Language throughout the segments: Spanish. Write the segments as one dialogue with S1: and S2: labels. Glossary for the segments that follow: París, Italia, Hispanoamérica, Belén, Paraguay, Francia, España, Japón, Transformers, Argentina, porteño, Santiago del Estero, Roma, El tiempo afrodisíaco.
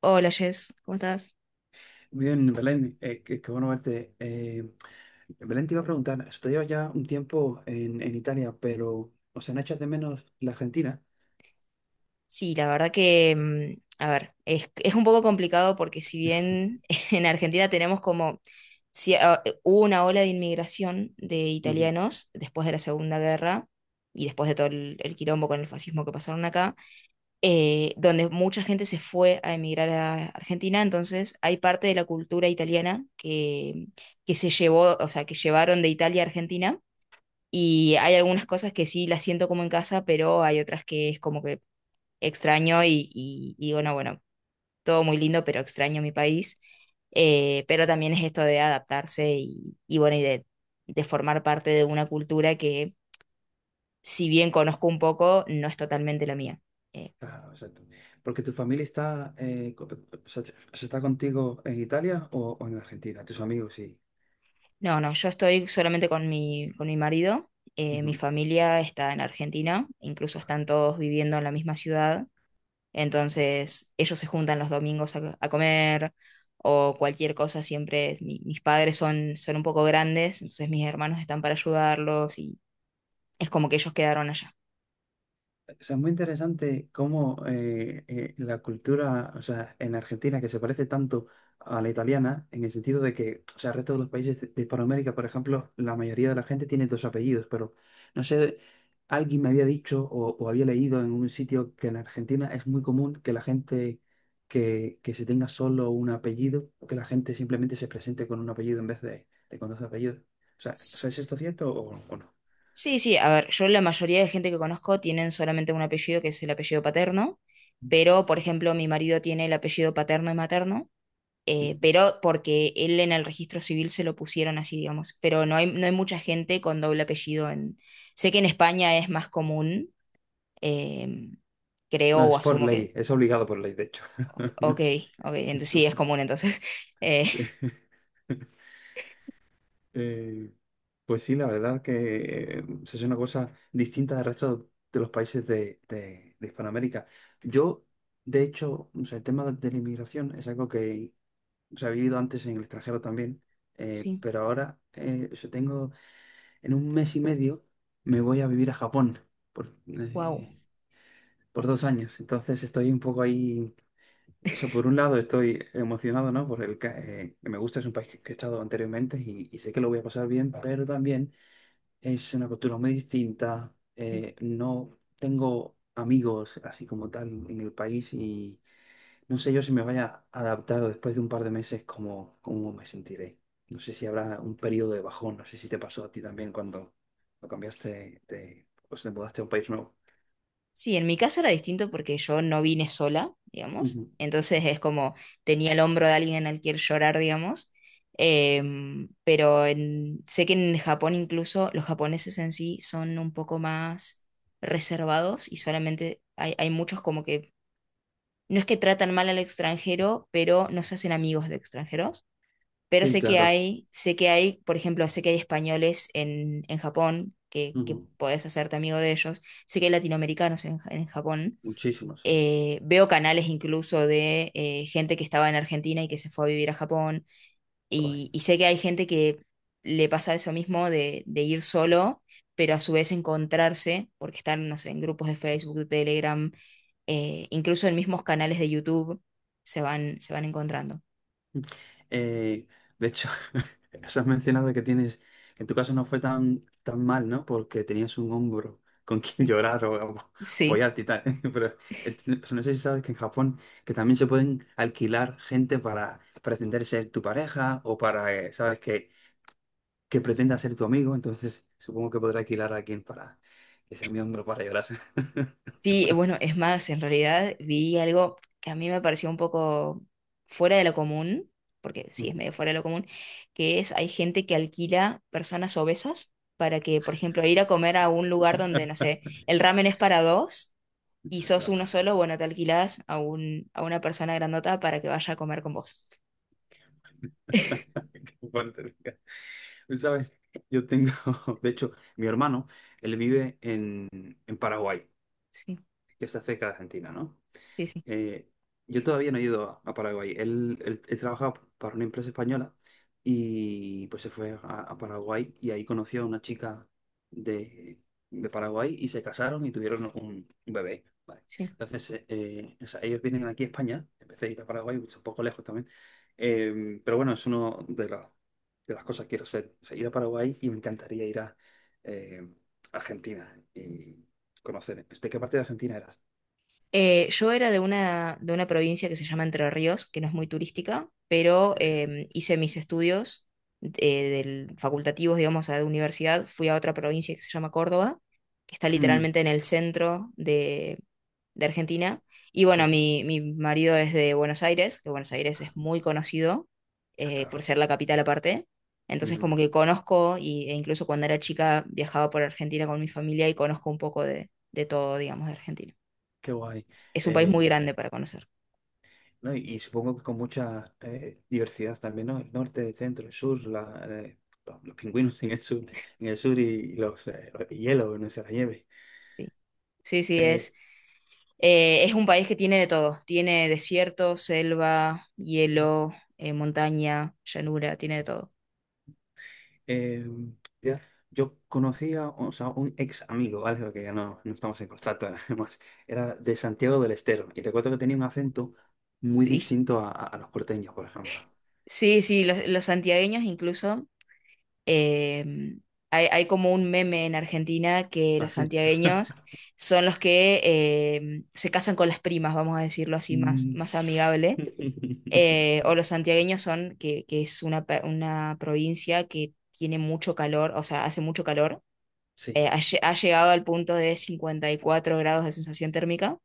S1: Hola, Jess, ¿cómo estás?
S2: Bien, Belén, qué bueno verte. Belén, te iba a preguntar, estoy ya un tiempo en Italia, pero ¿os han hecho de menos la Argentina?
S1: Sí, la verdad que, a ver, es un poco complicado porque si bien en Argentina tenemos como, si, hubo una ola de inmigración de
S2: Ujú.
S1: italianos después de la Segunda Guerra, y después de todo el quilombo con el fascismo que pasaron acá, donde mucha gente se fue a emigrar a Argentina. Entonces hay parte de la cultura italiana que se llevó, o sea, que llevaron de Italia a Argentina. Y hay algunas cosas que sí las siento como en casa, pero hay otras que es como que extraño, y bueno, todo muy lindo, pero extraño mi país. Pero también es esto de adaptarse y bueno, y de formar parte de una cultura que, si bien conozco un poco, no es totalmente la mía. Eh,
S2: Claro, exacto. Porque tu familia está, o sea, se está contigo en Italia o en Argentina, tus amigos, sí.
S1: no, no, yo estoy solamente con mi marido. Mi familia está en Argentina, incluso están todos viviendo en la misma ciudad. Entonces ellos se juntan los domingos a comer o cualquier cosa. Siempre mis padres son un poco grandes, entonces mis hermanos están para ayudarlos, y es como que ellos quedaron allá.
S2: O sea, es muy interesante cómo la cultura, o sea, en Argentina, que se parece tanto a la italiana, en el sentido de que, o sea, el resto de los países de Hispanoamérica, por ejemplo, la mayoría de la gente tiene dos apellidos, pero no sé, alguien me había dicho o había leído en un sitio que en Argentina es muy común que la gente que se tenga solo un apellido, o que la gente simplemente se presente con un apellido en vez de con dos apellidos. O sea,
S1: S-
S2: ¿es esto cierto o no?
S1: Sí, sí, a ver, yo la mayoría de gente que conozco tienen solamente un apellido, que es el apellido paterno, pero por ejemplo mi marido tiene el apellido paterno y materno. Pero porque él en el registro civil se lo pusieron así, digamos. Pero no hay mucha gente con doble apellido en... Sé que en España es más común. Eh, Creo
S2: No,
S1: o
S2: es por
S1: asumo que,
S2: ley, es obligado por ley, de hecho.
S1: ok, ok, entonces
S2: Su-
S1: sí, es común entonces. Eh,
S2: sí. Eh, pues sí, la verdad que es una cosa distinta del resto de los países de Hispanoamérica. Yo, de hecho, o sea, el tema de la inmigración es algo que se ha vivido antes en el extranjero también,
S1: sí,
S2: pero ahora o sea, tengo, en un mes y medio me voy a vivir a Japón por,
S1: wow.
S2: eh, por 2 años. Entonces estoy un poco ahí. Eso por un lado estoy emocionado, ¿no? Que me gusta, es un país que he estado anteriormente y sé que lo voy a pasar bien, pero también es una cultura muy distinta.
S1: Sí.
S2: No tengo amigos así como tal en el país y no sé yo si me vaya a adaptar o después de un par de meses cómo me sentiré. No sé si habrá un periodo de bajón, no sé si te pasó a ti también cuando lo cambiaste, de, pues te mudaste a un país nuevo.
S1: Sí, en mi caso era distinto porque yo no vine sola, digamos.
S2: Ujú.
S1: Entonces es como tenía el hombro de alguien al que llorar, digamos. Pero sé que en Japón incluso los japoneses en sí son un poco más reservados, y solamente hay muchos como que no es que tratan mal al extranjero, pero no se hacen amigos de extranjeros. Pero
S2: Sí,
S1: sé que
S2: claro.
S1: hay, sé que hay, por ejemplo, sé que hay españoles en Japón que
S2: Ujú.
S1: podés hacerte amigo de ellos. Sé que hay latinoamericanos en Japón.
S2: Muchísimo, sí.
S1: Veo canales incluso de gente que estaba en Argentina y que se fue a vivir a Japón, y,
S2: Guay.
S1: y sé que hay gente que le pasa eso mismo de ir solo, pero a su vez encontrarse, porque están, no sé, en grupos de Facebook, de Telegram, incluso en mismos canales de YouTube, se van encontrando.
S2: Eh, de hecho, eso has mencionado que tienes, que en tu caso no fue tan mal, ¿no? Porque tenías un hombro con quien
S1: Sí.
S2: llorar o
S1: Sí.
S2: apoyarte y tal. Pero eh, no sé si sabes que en Japón que también se pueden alquilar gente para pretender ser tu pareja o para, ¿sabes? Que pretenda ser tu amigo. Entonces, supongo que podré alquilar a alguien para que sea mi hombro para llorar.
S1: Sí, bueno, es más, en realidad vi algo que a mí me pareció un poco fuera de lo común, porque sí, es medio fuera de lo común, que es hay gente que alquila personas obesas para que, por ejemplo, ir a comer a un lugar donde, no sé, el ramen es para dos y
S2: Ya,
S1: sos
S2: claro.
S1: uno solo, bueno, te alquilas a un, a una persona grandota para que vaya a comer con vos.
S2: Qué fuerte. Tú, ¿sabes? Yo tengo, de hecho, mi hermano, él vive en Paraguay,
S1: Sí,
S2: que está cerca de Argentina, ¿no?
S1: sí, sí,
S2: Eh, yo todavía no he ido a Paraguay. Él trabajaba para una empresa española y pues se fue a Paraguay y ahí conoció a una chica de, de Paraguay y se casaron y tuvieron un bebé. Vale.
S1: sí.
S2: Entonces, o sea, ellos vienen aquí a España, empecé a ir a Paraguay, es un poco lejos también. Pero bueno, es una de las cosas que quiero hacer, o sea, ir a Paraguay y me encantaría ir a eh, Argentina y conocer. ¿De qué parte de Argentina eras?
S1: Yo era de una provincia que se llama Entre Ríos, que no es muy turística,
S2: De
S1: pero
S2: mi vida.
S1: hice mis estudios facultativos, digamos, a la universidad. Fui a otra provincia que se llama Córdoba, que está
S2: Ujú,
S1: literalmente en el centro de Argentina. Y bueno,
S2: sí.
S1: mi marido es de Buenos Aires, que Buenos Aires
S2: Ya,
S1: es muy conocido
S2: claro.
S1: por ser la capital aparte. Entonces
S2: Ujú.
S1: como que conozco, y, e incluso cuando era chica viajaba por Argentina con mi familia y conozco un poco de todo, digamos, de Argentina.
S2: Qué guay.
S1: Es un país
S2: Eh,
S1: muy
S2: y,
S1: grande para conocer.
S2: no, y supongo que con mucha diversidad también, ¿no? El norte, el centro, el sur, la, los pingüinos en el sur y los hielos, no sé, la nieve.
S1: Sí, sí, sí,
S2: Eh,
S1: es un país que tiene de todo. Tiene desierto, selva, hielo, montaña, llanura, tiene de todo.
S2: eh, ya, Yo conocía, o sea, un ex amigo, ¿vale? Porque ya no estamos en contacto, nada más. Era de Santiago del Estero y recuerdo que tenía un acento muy
S1: Sí,
S2: distinto a los porteños, por ejemplo.
S1: sí, sí, los santiagueños incluso. eh, hay como un meme en Argentina que los
S2: Así.
S1: santiagueños son los que se casan con las primas, vamos a decirlo así, más, más amigable. O los santiagueños son, que es una, una provincia que tiene mucho calor, o sea, hace mucho calor.
S2: Sí.
S1: Ha llegado al punto de 54 grados de sensación térmica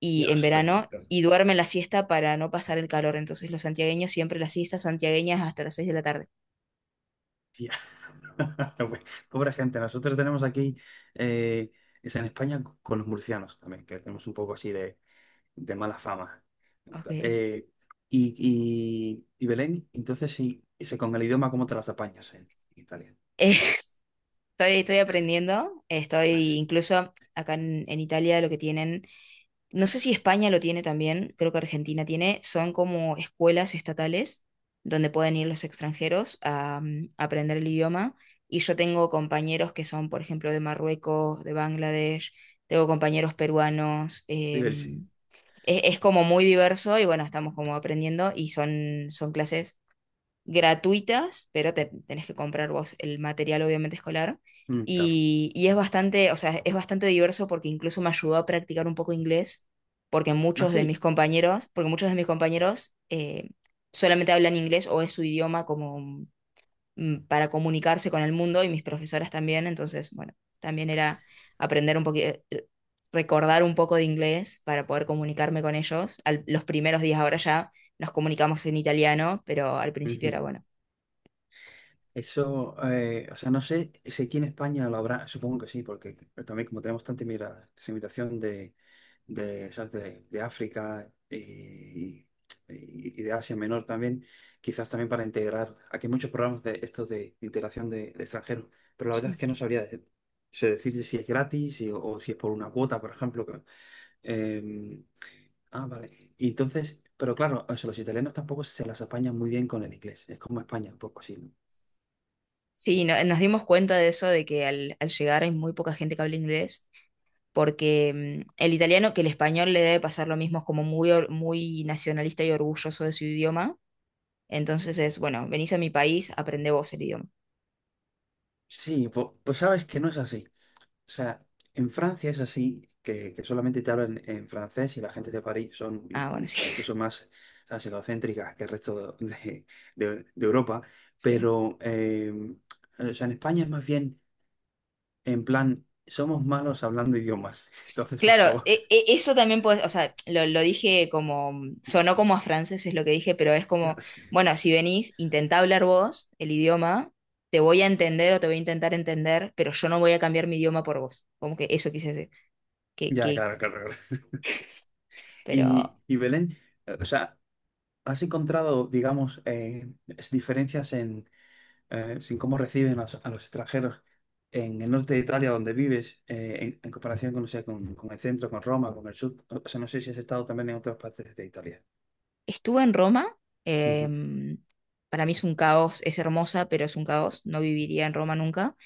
S1: y en
S2: Dios
S1: verano,
S2: bendito.
S1: y duermen la siesta para no pasar el calor. Entonces los santiagueños siempre las siestas santiagueñas hasta las 6 de la tarde.
S2: Tía. Bueno, pobre gente, nosotros tenemos aquí, eh, es en España con los murcianos también, que tenemos un poco así de mala fama.
S1: Ok.
S2: Eh, y Belén, entonces sí, ese, con el idioma, ¿cómo te las apañas en Italia?
S1: Estoy aprendiendo. Estoy
S2: Así,
S1: incluso acá en Italia lo que tienen, no sé si España lo tiene también, creo que Argentina tiene, son como escuelas estatales donde pueden ir los extranjeros a, aprender el idioma. Y yo tengo compañeros que son, por ejemplo, de Marruecos, de Bangladesh, tengo compañeros peruanos.
S2: diversi.
S1: Es como muy diverso, y bueno, estamos como aprendiendo, y son clases gratuitas, pero tenés que comprar vos el material, obviamente escolar.
S2: Mm, claro.
S1: Y es bastante, o sea, es bastante diverso porque incluso me ayudó a practicar un poco inglés, porque
S2: Ah,
S1: muchos de
S2: sí.
S1: mis compañeros, solamente hablan inglés, o es su idioma como para comunicarse con el mundo, y mis profesoras también. Entonces, bueno, también era aprender un poquito, recordar un poco de inglés para poder comunicarme con ellos. Los primeros días ahora ya nos comunicamos en italiano, pero al principio
S2: Ujú.
S1: era bueno.
S2: Eso, o sea, no sé si aquí en España lo habrá, supongo que sí, porque también como tenemos tanta inmigración ¿sabes? De África, y de Asia Menor también, quizás también para integrar. Aquí hay muchos programas de estos de integración de extranjeros, pero la verdad es
S1: Sí.
S2: que no sabría sé decirte si es gratis o si es por una cuota, por ejemplo. Eh, ah, vale. Y entonces, pero claro, o sea, los italianos tampoco se las apañan muy bien con el inglés. Es como España, un poco así, ¿no?
S1: Sí, nos dimos cuenta de eso, de que al llegar hay muy poca gente que habla inglés, porque el italiano, que el español le debe pasar lo mismo, es como muy nacionalista y orgulloso de su idioma. Entonces es, bueno, venís a mi país, aprende vos el idioma.
S2: Sí, pues sabes que no es así. O sea, en Francia es así, que solamente te hablan en francés y la gente de París son
S1: Ah, bueno,
S2: o
S1: sí,
S2: sea, incluso más ¿sabes? Egocéntricas que el resto de Europa,
S1: sí.
S2: pero o sea, en España es más bien en plan, somos malos hablando idiomas, entonces por
S1: Claro,
S2: favor.
S1: eso también puede, o sea, lo dije como, sonó como a francés es lo que dije, pero es
S2: Ya,
S1: como,
S2: sí.
S1: bueno, si venís, intentá hablar vos el idioma, te voy a entender o te voy a intentar entender, pero yo no voy a cambiar mi idioma por vos. Como que eso quise decir. Que,
S2: Ya,
S1: que,
S2: claro, claro, claro.
S1: pero
S2: Y Belén, o sea, ¿has encontrado, digamos, diferencias sin cómo reciben a a los extranjeros en el norte de Italia donde vives, en comparación con, no sé, con el centro, con Roma, con el sur. O sea, no sé si has estado también en otras partes de Italia.
S1: estuve en Roma.
S2: Ujú.
S1: em, para mí es un caos, es hermosa, pero es un caos. No viviría en Roma nunca.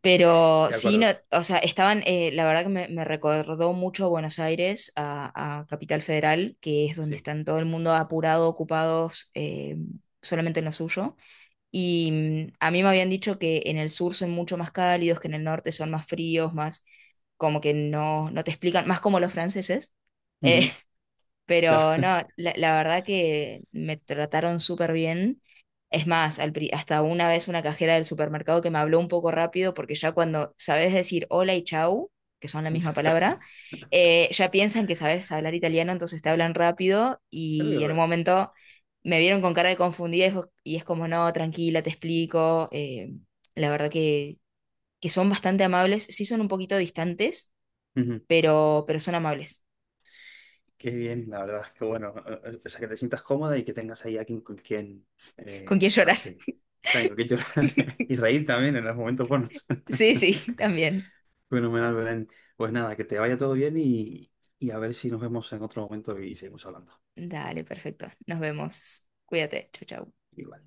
S1: Pero
S2: De
S1: sí, no,
S2: acuerdo,
S1: o sea, estaban, la verdad que me recordó mucho a Buenos Aires, a Capital Federal, que es donde
S2: sí.
S1: están todo el mundo apurado, ocupados, solamente en lo suyo. Y a mí me habían dicho que en el sur son mucho más cálidos, que en el norte son más fríos, más como que no te explican, más como los franceses. eh,
S2: Ujú. Ya,
S1: pero no, la verdad que me trataron súper bien. Es más, hasta una vez una cajera del supermercado que me habló un poco rápido, porque ya cuando sabes decir hola y chau, que son la misma
S2: ya está.
S1: palabra, ya piensan que sabes hablar italiano, entonces te hablan rápido, y en un
S2: Pero,
S1: momento me vieron con cara de confundida, y es como, no, tranquila, te explico. La verdad que son bastante amables, sí son un poquito distantes,
S2: Ujú.
S1: pero son amables.
S2: Qué bien, la verdad, qué bueno. O sea, que te sientas cómoda y que tengas ahí a quien, con quien,
S1: ¿Con quién
S2: ¿sabes
S1: llorar?
S2: qué? También con quien llorar y reír también en los momentos buenos.
S1: Sí, sí, también.
S2: Fenomenal, Belén. Pues nada, que te vaya todo bien y a ver si nos vemos en otro momento y seguimos hablando.
S1: Dale, perfecto. Nos vemos. Cuídate. Chau, chau.
S2: Igual.